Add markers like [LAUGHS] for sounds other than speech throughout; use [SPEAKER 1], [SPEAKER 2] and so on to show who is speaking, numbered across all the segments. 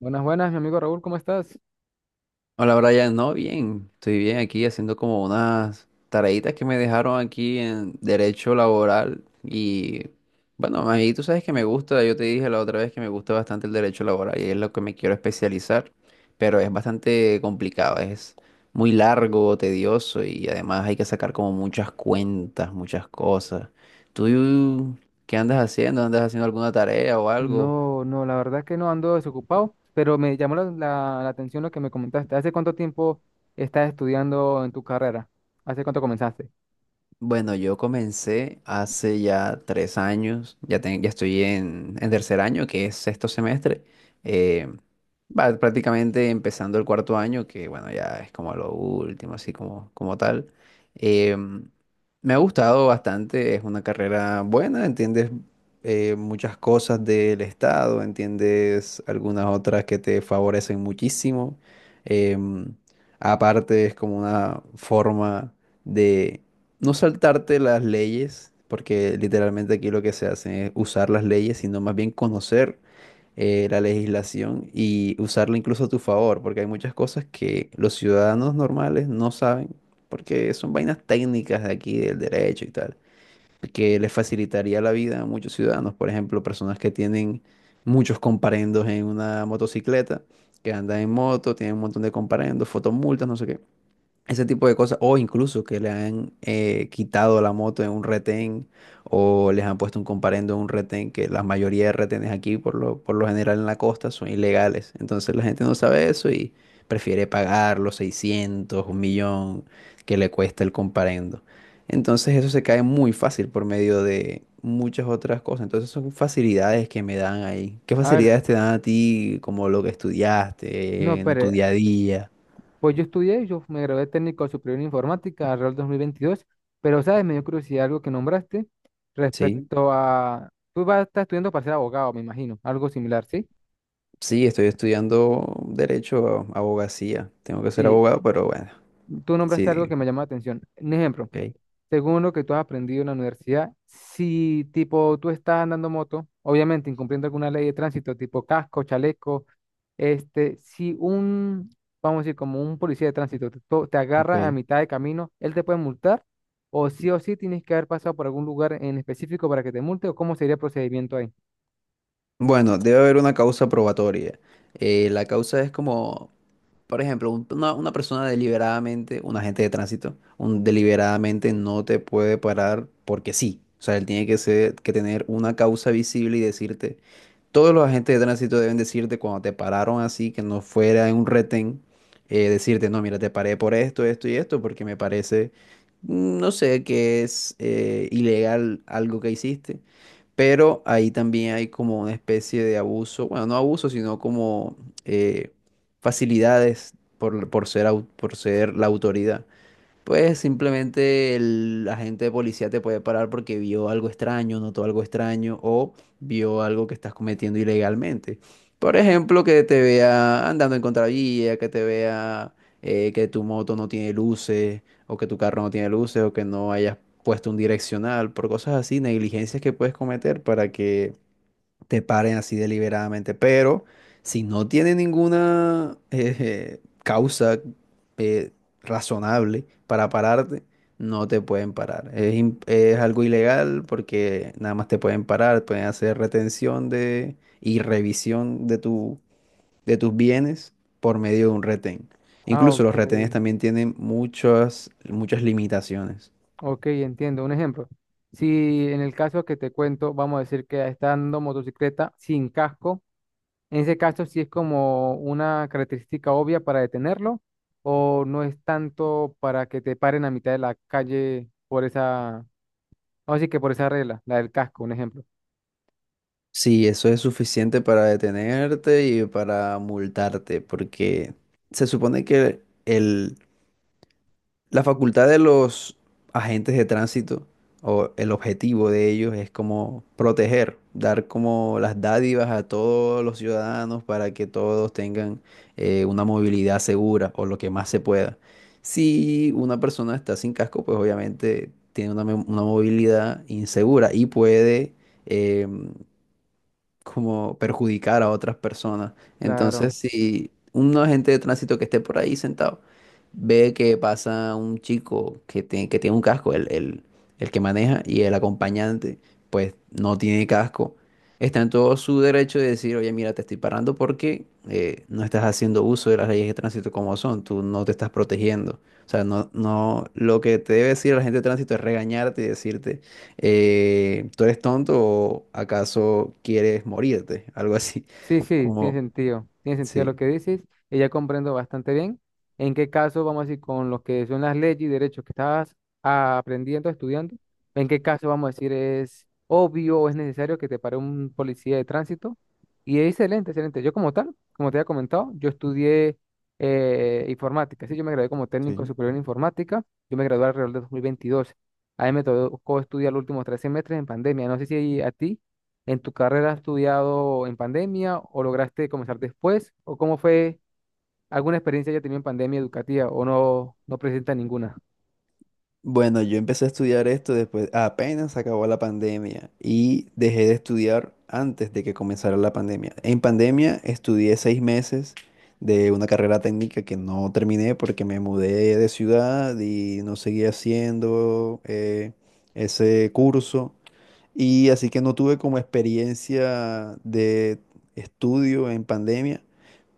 [SPEAKER 1] Buenas, buenas, mi amigo Raúl, ¿cómo estás?
[SPEAKER 2] Hola Brian, no, bien, estoy bien aquí haciendo como unas tareitas que me dejaron aquí en derecho laboral y bueno, ahí tú sabes que me gusta, yo te dije la otra vez que me gusta bastante el derecho laboral y es lo que me quiero especializar, pero es bastante complicado, es muy largo, tedioso y además hay que sacar como muchas cuentas, muchas cosas. ¿Tú qué andas haciendo? ¿Andas haciendo alguna tarea o algo?
[SPEAKER 1] No, no, la verdad que no ando desocupado, pero me llamó la atención lo que me comentaste. ¿Hace cuánto tiempo estás estudiando en tu carrera? ¿Hace cuánto comenzaste?
[SPEAKER 2] Bueno, yo comencé hace ya 3 años, ya, ya estoy en tercer año, que es 6.º semestre, eh, va prácticamente empezando el cuarto año, que bueno, ya es como lo último, así como, como tal. Em, Me ha gustado bastante, es una carrera buena, entiendes muchas cosas del estado, entiendes algunas otras que te favorecen muchísimo. Em, Aparte es como una forma de no saltarte las leyes, porque literalmente aquí lo que se hace es usar las leyes, sino más bien conocer la legislación y usarla incluso a tu favor, porque hay muchas cosas que los ciudadanos normales no saben, porque son vainas técnicas de aquí, del derecho y tal, que les facilitaría la vida a muchos ciudadanos, por ejemplo, personas que tienen muchos comparendos en una motocicleta, que andan en moto, tienen un montón de comparendos, fotomultas, no sé qué ese tipo de cosas, o incluso que le han quitado la moto en un retén o les han puesto un comparendo en un retén, que la mayoría de retenes aquí, por lo general en la costa, son ilegales. Entonces la gente no sabe eso y prefiere pagar los 600 un millón que le cuesta el comparendo. Entonces eso se cae muy fácil por medio de muchas otras cosas. Entonces son facilidades que me dan ahí. ¿Qué
[SPEAKER 1] A ver,
[SPEAKER 2] facilidades te dan a ti como lo que
[SPEAKER 1] no,
[SPEAKER 2] estudiaste en tu
[SPEAKER 1] pero
[SPEAKER 2] día a día?
[SPEAKER 1] pues yo me gradué de técnico superior en informática alrededor del 2022, pero sabes, me dio curiosidad algo que nombraste
[SPEAKER 2] ¿Sí?
[SPEAKER 1] respecto a... Tú vas a estar estudiando para ser abogado, me imagino, algo similar, ¿sí?
[SPEAKER 2] Sí, estoy estudiando derecho, abogacía. Tengo que ser
[SPEAKER 1] Sí,
[SPEAKER 2] abogado, pero bueno,
[SPEAKER 1] tú nombraste algo que
[SPEAKER 2] sí,
[SPEAKER 1] me llamó la atención. Un ejemplo.
[SPEAKER 2] ok.
[SPEAKER 1] Según lo que tú has aprendido en la universidad, si tipo tú estás andando moto, obviamente incumpliendo alguna ley de tránsito, tipo casco, chaleco, este, si un, vamos a decir, como un policía de tránsito te agarra a
[SPEAKER 2] Ok.
[SPEAKER 1] mitad de camino, ¿él te puede multar? O sí tienes que haber pasado por algún lugar en específico para que te multe? ¿O cómo sería el procedimiento ahí?
[SPEAKER 2] Bueno, debe haber una causa probatoria. La causa es como, por ejemplo, una persona deliberadamente, un agente de tránsito, un, deliberadamente no te puede parar porque sí. O sea, él tiene que ser, que tener una causa visible y decirte, todos los agentes de tránsito deben decirte cuando te pararon así, que no fuera en un retén, decirte, no, mira, te paré por esto, esto y esto, porque me parece, mm, no sé, que es ilegal algo que hiciste. Pero ahí también hay como una especie de abuso, bueno, no abuso, sino como eh, facilidades por ser, por ser la autoridad. Pues simplemente el agente de policía te puede parar porque vio algo extraño, notó algo extraño o vio algo que estás cometiendo ilegalmente. Por ejemplo, que te vea andando en contravía, que te vea que tu moto no tiene luces o que tu carro no tiene luces o que no hayas puesto un direccional, por cosas así, negligencias que puedes cometer para que te paren así deliberadamente. Pero si no tiene ninguna [LAUGHS] causa eh, razonable para pararte, no te pueden parar. Es, es algo ilegal porque nada más te pueden parar, pueden hacer retención de, y revisión de tu, de tus bienes por medio de un retén.
[SPEAKER 1] Ah,
[SPEAKER 2] Incluso
[SPEAKER 1] ok,
[SPEAKER 2] los retenes también tienen muchas, muchas limitaciones.
[SPEAKER 1] ok, entiendo. Un ejemplo. Si en el caso que te cuento, vamos a decir que está andando motocicleta sin casco. En ese caso, si es como una característica obvia para detenerlo, o no es tanto para que te paren a mitad de la calle por esa, vamos a que por esa regla, la del casco, un ejemplo.
[SPEAKER 2] Sí, eso es suficiente para detenerte y para multarte, porque se supone que el, la facultad de los agentes de tránsito o el objetivo de ellos es como proteger, dar como las dádivas a todos los ciudadanos para que todos tengan una movilidad segura o lo que más se pueda. Si una persona está sin casco, pues obviamente tiene una, una movilidad insegura y puede... em, como perjudicar a otras personas. Entonces,
[SPEAKER 1] Claro.
[SPEAKER 2] si un agente de tránsito que esté por ahí sentado ve que pasa un chico que, que tiene un casco, el que maneja y el acompañante, pues no tiene casco, está en todo su derecho de decir, oye, mira, te estoy parando porque no estás haciendo uso de las leyes de tránsito como son, tú no te estás protegiendo. O sea, no, no, lo que te debe decir la gente de tránsito es regañarte y decirte, ¿tú eres tonto o acaso quieres morirte? [LAUGHS] Algo así,
[SPEAKER 1] Sí, sí, tiene
[SPEAKER 2] como,
[SPEAKER 1] sentido. Tiene sentido lo
[SPEAKER 2] sí.
[SPEAKER 1] que dices. Y ya comprendo bastante bien en qué caso, vamos a decir, con lo que son las leyes y derechos que estabas ah, aprendiendo, estudiando, en qué caso, vamos a decir, es obvio o es necesario que te pare un policía de tránsito. Y es excelente, excelente. Yo como tal, como te había comentado, yo estudié informática. Sí, yo me gradué como técnico
[SPEAKER 2] Sí.
[SPEAKER 1] superior en informática. Yo me gradué alrededor de 2022. A mí me tocó estudiar los últimos tres semestres en pandemia. No sé si a ti. ¿En tu carrera has estudiado en pandemia o lograste comenzar después? ¿O cómo fue alguna experiencia que tenido en pandemia educativa o no, no presenta ninguna?
[SPEAKER 2] Bueno, yo empecé a estudiar esto después, apenas acabó la pandemia y dejé de estudiar antes de que comenzara la pandemia. En pandemia estudié 6 meses de una carrera técnica que no terminé porque me mudé de ciudad y no seguí haciendo ese curso. Y así que no tuve como experiencia de estudio en pandemia,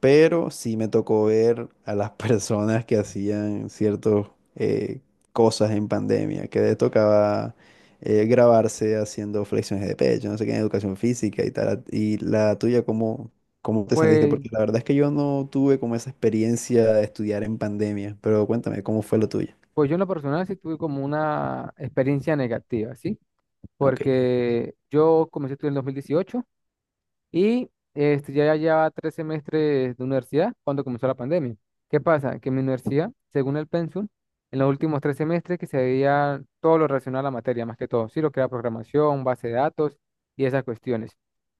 [SPEAKER 2] pero sí me tocó ver a las [LAUGHS] personas que hacían ciertas cosas en pandemia, que les tocaba grabarse haciendo flexiones de pecho, no sé qué, en educación física y tal. Y la tuya, ¿cómo, cómo te sentiste?
[SPEAKER 1] Pues,
[SPEAKER 2] Porque la verdad es que yo no tuve como esa experiencia de estudiar en pandemia, pero cuéntame, ¿cómo fue lo tuya?
[SPEAKER 1] pues, yo en lo personal sí tuve como una experiencia negativa, ¿sí?
[SPEAKER 2] Ok,
[SPEAKER 1] Porque yo comencé a estudiar en 2018. Y este, ya llevaba tres semestres de universidad cuando comenzó la pandemia. ¿Qué pasa? Que en mi universidad, según el pensum, en los últimos tres semestres que se veía todo lo relacionado a la materia, más que todo, sí, lo que era programación, base de datos y esas cuestiones.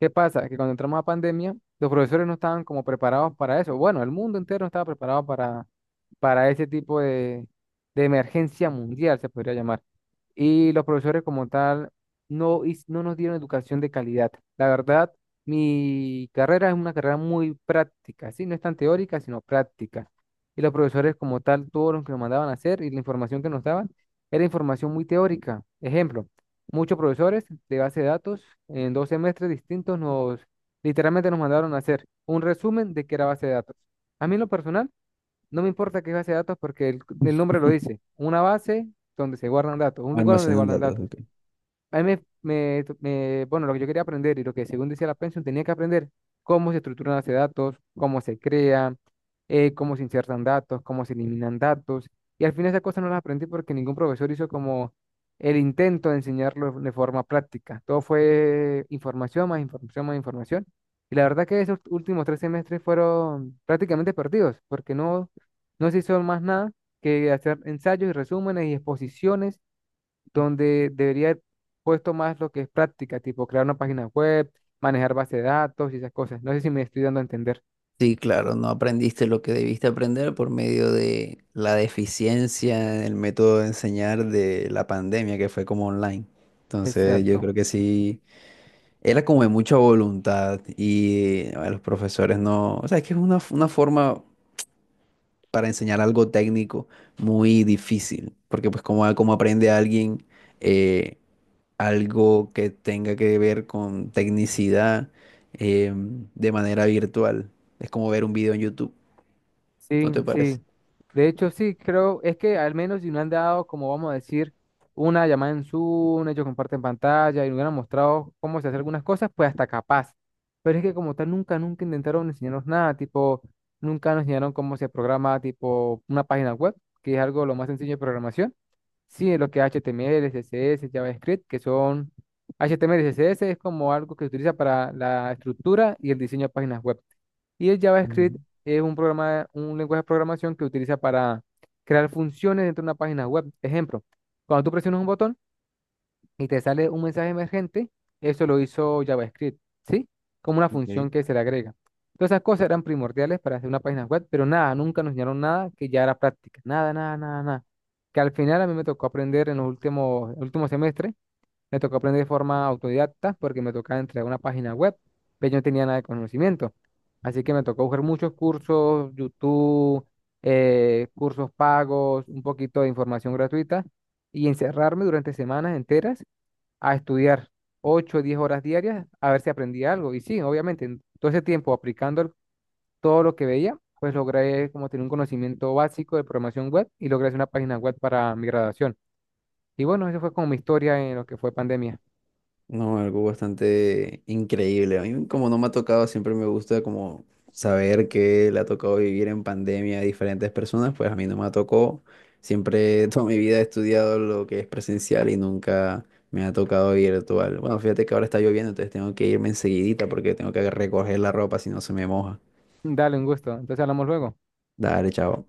[SPEAKER 1] ¿Qué pasa? Que cuando entramos a pandemia, los profesores no estaban como preparados para eso. Bueno, el mundo entero no estaba preparado para ese tipo de emergencia mundial, se podría llamar. Y los profesores como tal no, no nos dieron educación de calidad. La verdad, mi carrera es una carrera muy práctica, ¿sí? No es tan teórica, sino práctica. Y los profesores como tal, todo lo que nos mandaban a hacer y la información que nos daban era información muy teórica. Ejemplo, muchos profesores de base de datos en dos semestres distintos nos literalmente nos mandaron a hacer un resumen de qué era base de datos. A mí en lo personal no me importa qué es base de datos porque el nombre lo
[SPEAKER 2] [LAUGHS]
[SPEAKER 1] dice, una base donde se guardan datos, un lugar donde se
[SPEAKER 2] almacenan
[SPEAKER 1] guardan
[SPEAKER 2] datos,
[SPEAKER 1] datos.
[SPEAKER 2] ok.
[SPEAKER 1] A mí me, bueno, lo que yo quería aprender y lo que según decía la pensión, tenía que aprender cómo se estructuran los datos, cómo se crean, cómo se insertan datos, cómo se eliminan datos. Y al final esas cosas no las aprendí porque ningún profesor hizo como el intento de enseñarlo de forma práctica. Todo fue información, más información, más información. Y la verdad que esos últimos tres semestres fueron prácticamente perdidos porque no, no se hizo más nada que hacer ensayos y resúmenes y exposiciones donde debería haber puesto más lo que es práctica, tipo crear una página web, manejar base de datos y esas cosas. No sé si me estoy dando a entender.
[SPEAKER 2] Sí, claro, no aprendiste lo que debiste aprender por medio de la deficiencia en el método de enseñar de la pandemia que fue como online. Entonces, yo
[SPEAKER 1] Exacto.
[SPEAKER 2] creo que sí, era como de mucha voluntad y a los profesores no, o sea, es que es una forma para enseñar algo técnico muy difícil, porque pues como, ah, como aprende alguien eh, algo que tenga que ver con tecnicidad de manera virtual, es como ver un video en YouTube.
[SPEAKER 1] Sí,
[SPEAKER 2] ¿No te parece?
[SPEAKER 1] sí. De hecho, sí, creo, es que al menos si no han dado, como vamos a decir, una llamada en Zoom, ellos comparten pantalla y nos han mostrado cómo se hace algunas cosas, pues hasta capaz. Pero es que como tal, nunca, nunca intentaron enseñarnos nada, tipo, nunca nos enseñaron cómo se programa, tipo, una página web, que es algo lo más sencillo de programación. Sí, lo que es HTML, CSS, JavaScript, que son HTML y CSS, es como algo que se utiliza para la estructura y el diseño de páginas web. Y el JavaScript
[SPEAKER 2] Ujú,
[SPEAKER 1] es un programa, un lenguaje de programación que utiliza para crear funciones dentro de una página web. Ejemplo, cuando tú presionas un botón y te sale un mensaje emergente, eso lo hizo JavaScript, ¿sí? Como una
[SPEAKER 2] ok.
[SPEAKER 1] función que se le agrega. Todas esas cosas eran primordiales para hacer una página web, pero nada, nunca nos enseñaron nada que ya era práctica. Nada, nada, nada, nada. Que al final a mí me tocó aprender en los últimos, últimos semestres me tocó aprender de forma autodidacta porque me tocaba entrar a una página web, pero yo no tenía nada de conocimiento. Así que me tocó buscar muchos cursos, YouTube, cursos pagos, un poquito de información gratuita y encerrarme durante semanas enteras a estudiar ocho o 10 horas diarias a ver si aprendí algo. Y sí, obviamente, en todo ese tiempo aplicando todo lo que veía, pues logré como tener un conocimiento básico de programación web y logré hacer una página web para mi graduación. Y bueno, eso fue como mi historia en lo que fue pandemia.
[SPEAKER 2] No, algo bastante increíble. A mí como no me ha tocado, siempre me gusta como saber que le ha tocado vivir en pandemia a diferentes personas, pues a mí no me tocó. Siempre [LAUGHS] toda mi vida he estudiado lo que es presencial y nunca me ha tocado virtual. Bueno, fíjate que ahora está lloviendo, entonces tengo que irme enseguidita porque tengo que recoger la ropa si no se me moja.
[SPEAKER 1] Dale, un gusto. Entonces hablamos luego.
[SPEAKER 2] Dale, chao.